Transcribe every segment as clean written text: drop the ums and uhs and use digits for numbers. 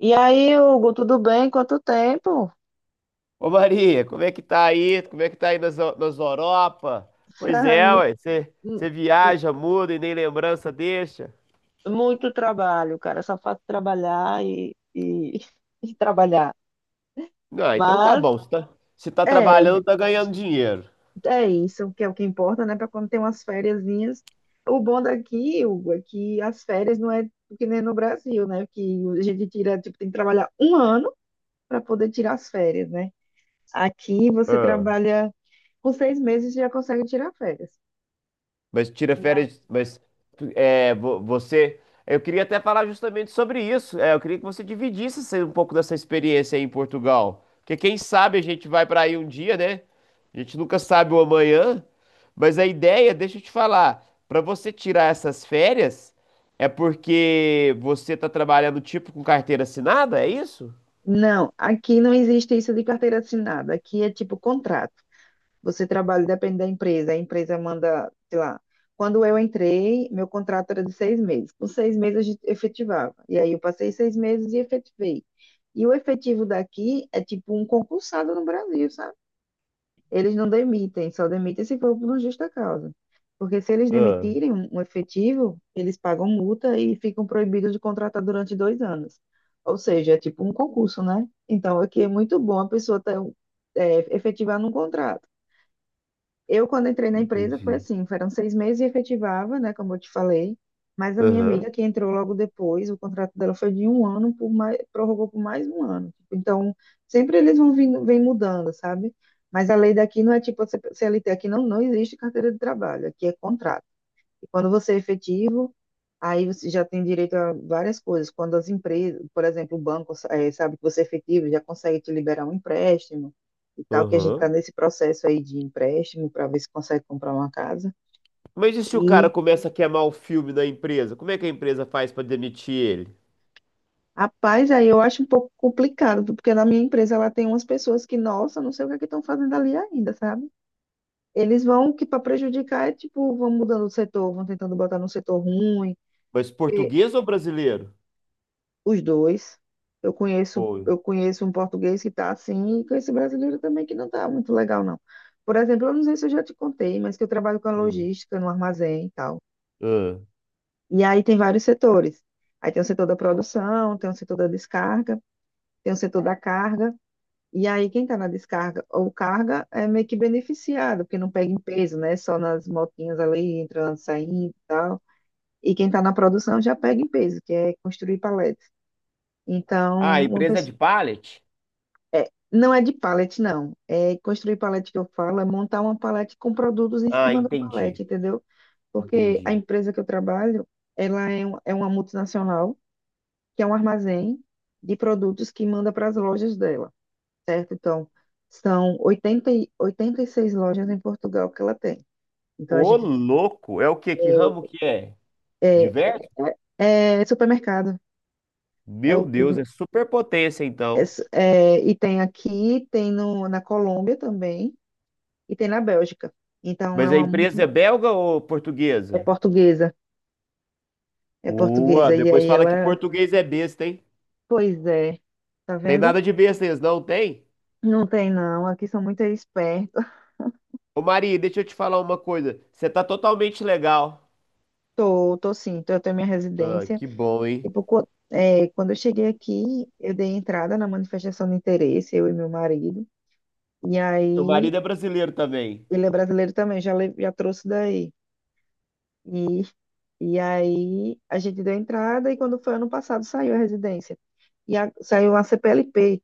E aí, Hugo, tudo bem? Quanto tempo? Ô Maria, como é que tá aí? Como é que tá aí nas Europa? Pois é, ué, você Muito, você viaja, muda e nem lembrança deixa. muito trabalho, cara. Só faço trabalhar e, e trabalhar. Não, então tá Mas bom, você tá trabalhando, tá ganhando dinheiro. é isso, que é o que importa, né? Para quando tem umas fériasinhas. O bom daqui, Hugo, é que as férias não é que nem no Brasil, né? Que a gente tira, tipo, tem que trabalhar um ano para poder tirar as férias, né? Aqui você Ah. trabalha com 6 meses e já consegue tirar férias. Mas tira férias, mas é, você. Eu queria até falar justamente sobre isso. É, eu queria que você dividisse um pouco dessa experiência aí em Portugal. Porque quem sabe a gente vai para aí um dia, né? A gente nunca sabe o amanhã. Mas a ideia, deixa eu te falar, para você tirar essas férias, é porque você tá trabalhando tipo com carteira assinada, é isso? Não, aqui não existe isso de carteira assinada. Aqui é tipo contrato. Você trabalha, depende da empresa. A empresa manda, sei lá. Quando eu entrei, meu contrato era de 6 meses. Com seis meses a gente efetivava. E aí eu passei 6 meses e efetivei. E o efetivo daqui é tipo um concursado no Brasil, sabe? Eles não demitem, só demitem se for por uma justa causa. Porque se eles Ah, demitirem um efetivo, eles pagam multa e ficam proibidos de contratar durante 2 anos. Ou seja, é tipo um concurso, né? Então, aqui é muito bom a pessoa ter, efetivar num contrato. Eu, quando entrei na empresa, foi entendi. assim, foram 6 meses e efetivava, né, como eu te falei, mas a minha Aham, amiga que entrou logo depois, o contrato dela foi de um ano, por mais, prorrogou por mais um ano. Tipo, então, sempre eles vão vindo, vem mudando, sabe? Mas a lei daqui não é tipo a CLT, aqui não existe carteira de trabalho, aqui é contrato. E quando você é efetivo, aí você já tem direito a várias coisas. Quando as empresas, por exemplo, o banco, sabe que você é efetivo, já consegue te liberar um empréstimo e tal, que a gente está aham. nesse processo aí de empréstimo para ver se consegue comprar uma casa. Mas e se o cara E, começa a queimar o filme da empresa? Como é que a empresa faz para demitir ele? rapaz, aí eu acho um pouco complicado, porque na minha empresa ela tem umas pessoas que, nossa, não sei o que é que estão fazendo ali ainda, sabe? Eles vão que para prejudicar é tipo, vão mudando o setor, vão tentando botar no setor ruim Mas português ou brasileiro? os dois. Eu conheço, Foi. eu conheço um português que está assim, e conheço brasileiro também que não está muito legal, não. Por exemplo, eu não sei se eu já te contei, mas que eu trabalho com a Hum. logística no armazém e tal. Ah, E aí tem vários setores. Aí tem o setor da produção, tem o setor da descarga, tem o setor da carga. E aí quem está na descarga ou carga é meio que beneficiado, porque não pega em peso, né? Só nas motinhas ali, entrando, saindo e tal. E quem está na produção já pega em peso, que é construir paletes. Então, ah, a uma empresa é pessoa. de pallet? É, não é de pallet, não. É construir pallet que eu falo, é montar uma pallet com produtos em Ah, cima da pallet, entendi. entendeu? Porque a Entendi. empresa que eu trabalho, ela é uma multinacional, que é um armazém de produtos que manda para as lojas dela, certo? Então, são 86 lojas em Portugal que ela tem. Então, a Ô, gente louco! É o quê? Que ramo é que é? Diverso? é supermercado. É o, Meu Deus, prim- é superpotência é então. su- é, E tem aqui, tem no, na Colômbia também, e tem na Bélgica. Então, é Mas a uma empresa é belga ou É portuguesa? portuguesa, é Ua, portuguesa. E depois aí fala que ela, português é besta, hein? pois é, tá Tem vendo? nada de besta, eles não tem? Não tem não, aqui são muito espertos. Ô, Maria, deixa eu te falar uma coisa. Você tá totalmente legal. Tô, tô sim, tô, eu tenho minha Ah, residência. que bom, hein? Tipo, quando eu cheguei aqui, eu dei entrada na manifestação de interesse, eu e meu marido. E Teu aí, marido é brasileiro também. ele é brasileiro também, já trouxe daí. E, e aí, a gente deu entrada e quando foi ano passado, saiu a residência. Saiu a CPLP,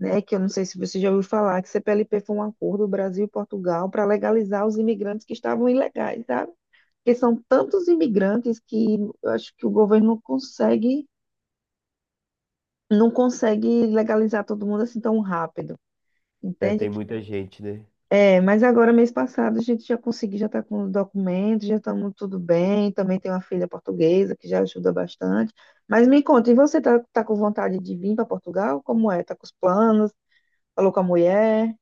né, que eu não sei se você já ouviu falar, que CPLP foi um acordo Brasil e Portugal para legalizar os imigrantes que estavam ilegais, sabe? Porque são tantos imigrantes que eu acho que o governo não consegue legalizar todo mundo assim tão rápido, É, tem entende? muita gente, né? É, mas agora, mês passado, a gente já conseguiu, já está com o documento, já estamos tudo bem, também tem uma filha portuguesa que já ajuda bastante. Mas me conta, e você está tá com vontade de vir para Portugal? Como é? Está com os planos? Falou com a mulher?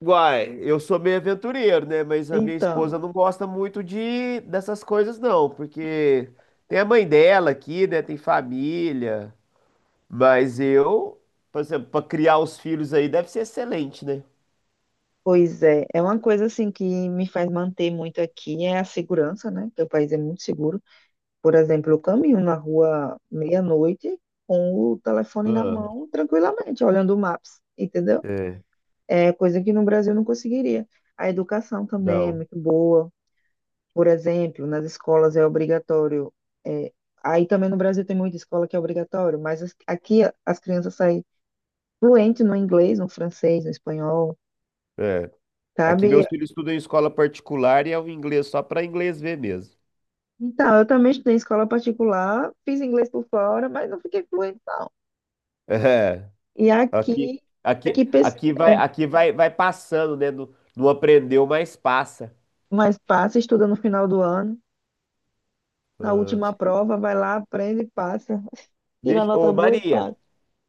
Uai, eu sou meio aventureiro, né? Mas a minha esposa Então. não gosta muito de dessas coisas, não, porque tem a mãe dela aqui, né? Tem família. Mas eu, por exemplo, para criar os filhos aí deve ser excelente, né? Pois é, é uma coisa assim que me faz manter muito aqui é a segurança, né? Que o país é muito seguro. Por exemplo, eu caminho na rua meia-noite com o telefone na Ah, mão, tranquilamente, olhando o Maps, entendeu? é, É coisa que no Brasil eu não conseguiria. A educação também é não. muito boa. Por exemplo, nas escolas é obrigatório. é, Aí também no Brasil tem muita escola que é obrigatório, mas aqui as crianças saem fluentes no inglês, no francês, no espanhol. É. Aqui Sabe, meus filhos estudam em escola particular e é o inglês só para inglês ver mesmo. então, eu também estudei em escola particular, fiz inglês por fora, mas não fiquei fluente, não. E Aqui, aqui, aqui aqui, pes- aqui vai, é, vai passando, né? Não, não aprendeu, mas passa. mas passa, estuda no final do ano, na última prova, vai lá, aprende e passa. Tira Deixa, nota ô, boa e Maria, passa.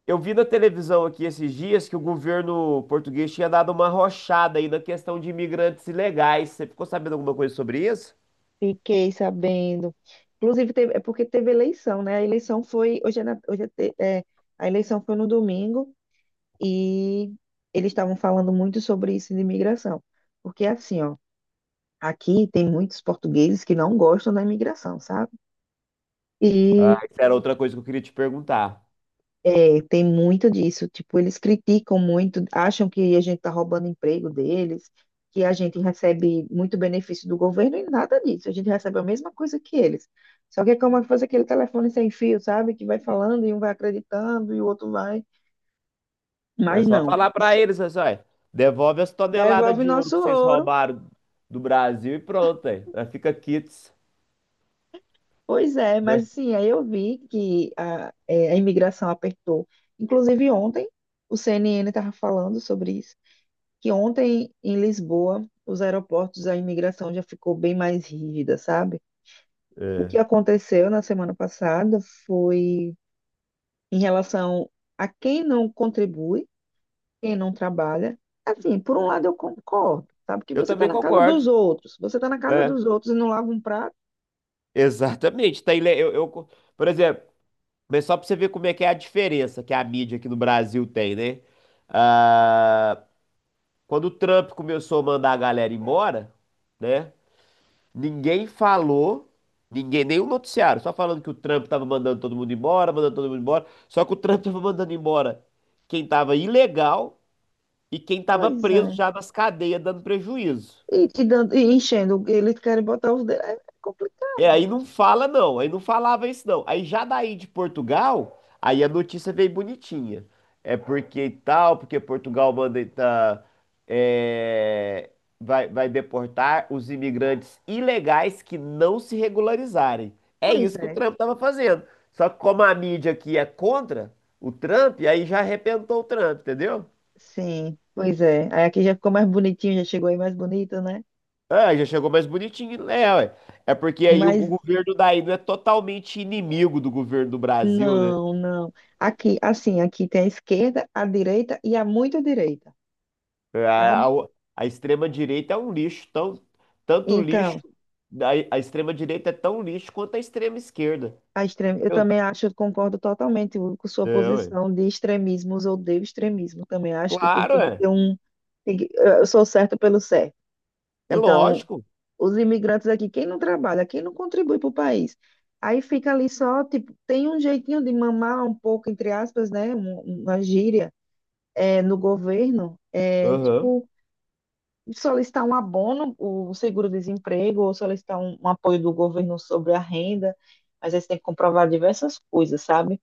eu vi na televisão aqui esses dias que o governo português tinha dado uma rochada aí na questão de imigrantes ilegais. Você ficou sabendo alguma coisa sobre isso? Fiquei sabendo. Inclusive, teve, é porque teve eleição, né? A eleição foi, hoje é, A eleição foi no domingo e eles estavam falando muito sobre isso de imigração. Porque assim, ó, aqui tem muitos portugueses que não gostam da imigração, sabe? Ah, e isso era outra coisa que eu queria te perguntar. É, tem muito disso. Tipo, eles criticam muito, acham que a gente está roubando emprego deles, que a gente recebe muito benefício do governo e nada disso. A gente recebe a mesma coisa que eles. Só que é como se fosse aquele telefone sem fio, sabe? Que vai falando e um vai acreditando e o outro vai. É Mas só não, falar pra isso eles, assim, olha, devolve as toneladas devolve de ouro nosso que vocês ouro. roubaram do Brasil e pronto, aí. Aí fica quites, Pois é, né? mas assim, aí eu vi que a imigração apertou. Inclusive ontem, o CNN estava falando sobre isso que ontem em Lisboa, os aeroportos, a imigração já ficou bem mais rígida, sabe? O que É. aconteceu na semana passada foi em relação a quem não contribui, quem não trabalha. Assim, por um lado eu concordo, sabe? Que Eu você está também na casa concordo, dos outros, você está na casa né? dos outros e não lava um prato, Exatamente. Tá, eu, por exemplo, mas só pra você ver como é que é a diferença que a mídia aqui no Brasil tem, né? Ah, quando o Trump começou a mandar a galera embora, né? Ninguém falou, ninguém, nenhum noticiário, só falando que o Trump tava mandando todo mundo embora, mandando todo mundo embora. Só que o Trump tava mandando embora quem tava ilegal e quem tava pois preso é. já nas cadeias dando prejuízo. E, te dando, e enchendo, eles querem botar os dedos, é É, complicado. aí não fala não, aí não falava isso não. Aí já daí de Portugal, aí a notícia veio bonitinha. É porque tal, porque Portugal manda tá, é, vai, vai deportar os imigrantes ilegais que não se regularizarem. É Pois isso que o é, Trump estava fazendo. Só que como a mídia aqui é contra o Trump, aí já arrebentou o Trump, entendeu? sim, pois é. Aí aqui já ficou mais bonitinho, já chegou aí mais bonito, né? Ah, já chegou mais bonitinho. É, ué. É porque aí o Mas governo daí não é totalmente inimigo do governo do Brasil, né? não, não. Aqui, assim, aqui tem a esquerda, a direita e a muito direita, É, sabe? A extrema-direita é um lixo, tão, tanto lixo, Então, a extrema-direita é tão lixo quanto a extrema-esquerda. a extrema, eu Eu- também acho, eu concordo totalmente com sua É, ué. posição de extremismos, odeio extremismo. Também acho que tudo tem Claro, que é. ter um. Eu sou certo pelo certo. É Então, lógico. os imigrantes aqui, quem não trabalha, quem não contribui para o país, aí fica ali só, tipo, tem um jeitinho de mamar um pouco, entre aspas, né? Uma gíria é, no governo, é Aham, tipo. Solicitar um abono, o seguro-desemprego, ou solicitar um apoio do governo sobre a renda, mas aí você tem que comprovar diversas coisas, sabe?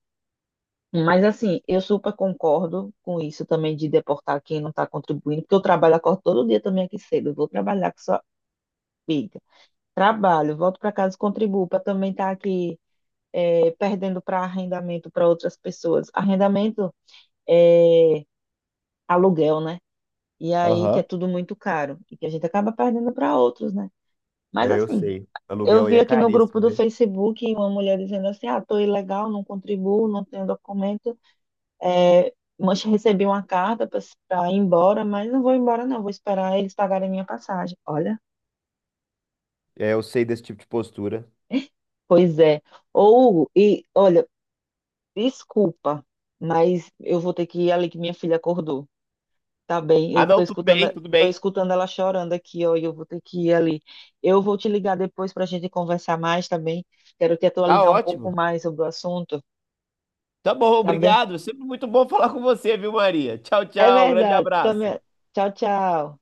Mas assim, eu super concordo com isso também de deportar quem não está contribuindo, porque eu trabalho, acordo todo dia também aqui cedo, eu vou trabalhar com sua filha. Trabalho, volto para casa e contribuo para também estar aqui perdendo para arrendamento para outras pessoas. Arrendamento é aluguel, né? E aí que é aham. tudo muito caro e que a gente acaba perdendo para outros, né? Mas É, eu assim, sei. eu Aluguel aí vi é aqui no grupo caríssimo, do né? Facebook uma mulher dizendo assim: ah, tô ilegal, não contribuo, não tenho documento. É, mas recebi uma carta para ir embora, mas não vou embora, não, vou esperar eles pagarem minha passagem. Olha, É, eu sei desse tipo de postura. pois é. Ou, e olha, desculpa, mas eu vou ter que ir ali que minha filha acordou. Tá bem, Ah, eu tô não, tudo bem, escutando. tudo Tô bem. escutando ela chorando aqui, ó, e eu vou ter que ir ali. Eu vou te ligar depois para a gente conversar mais também. Quero te Tá atualizar um pouco ótimo. mais sobre o assunto, Tá bom, tá bem? obrigado. Sempre muito bom falar com você, viu, Maria? Tchau, É tchau. Grande verdade. abraço. Também. Tchau, tchau.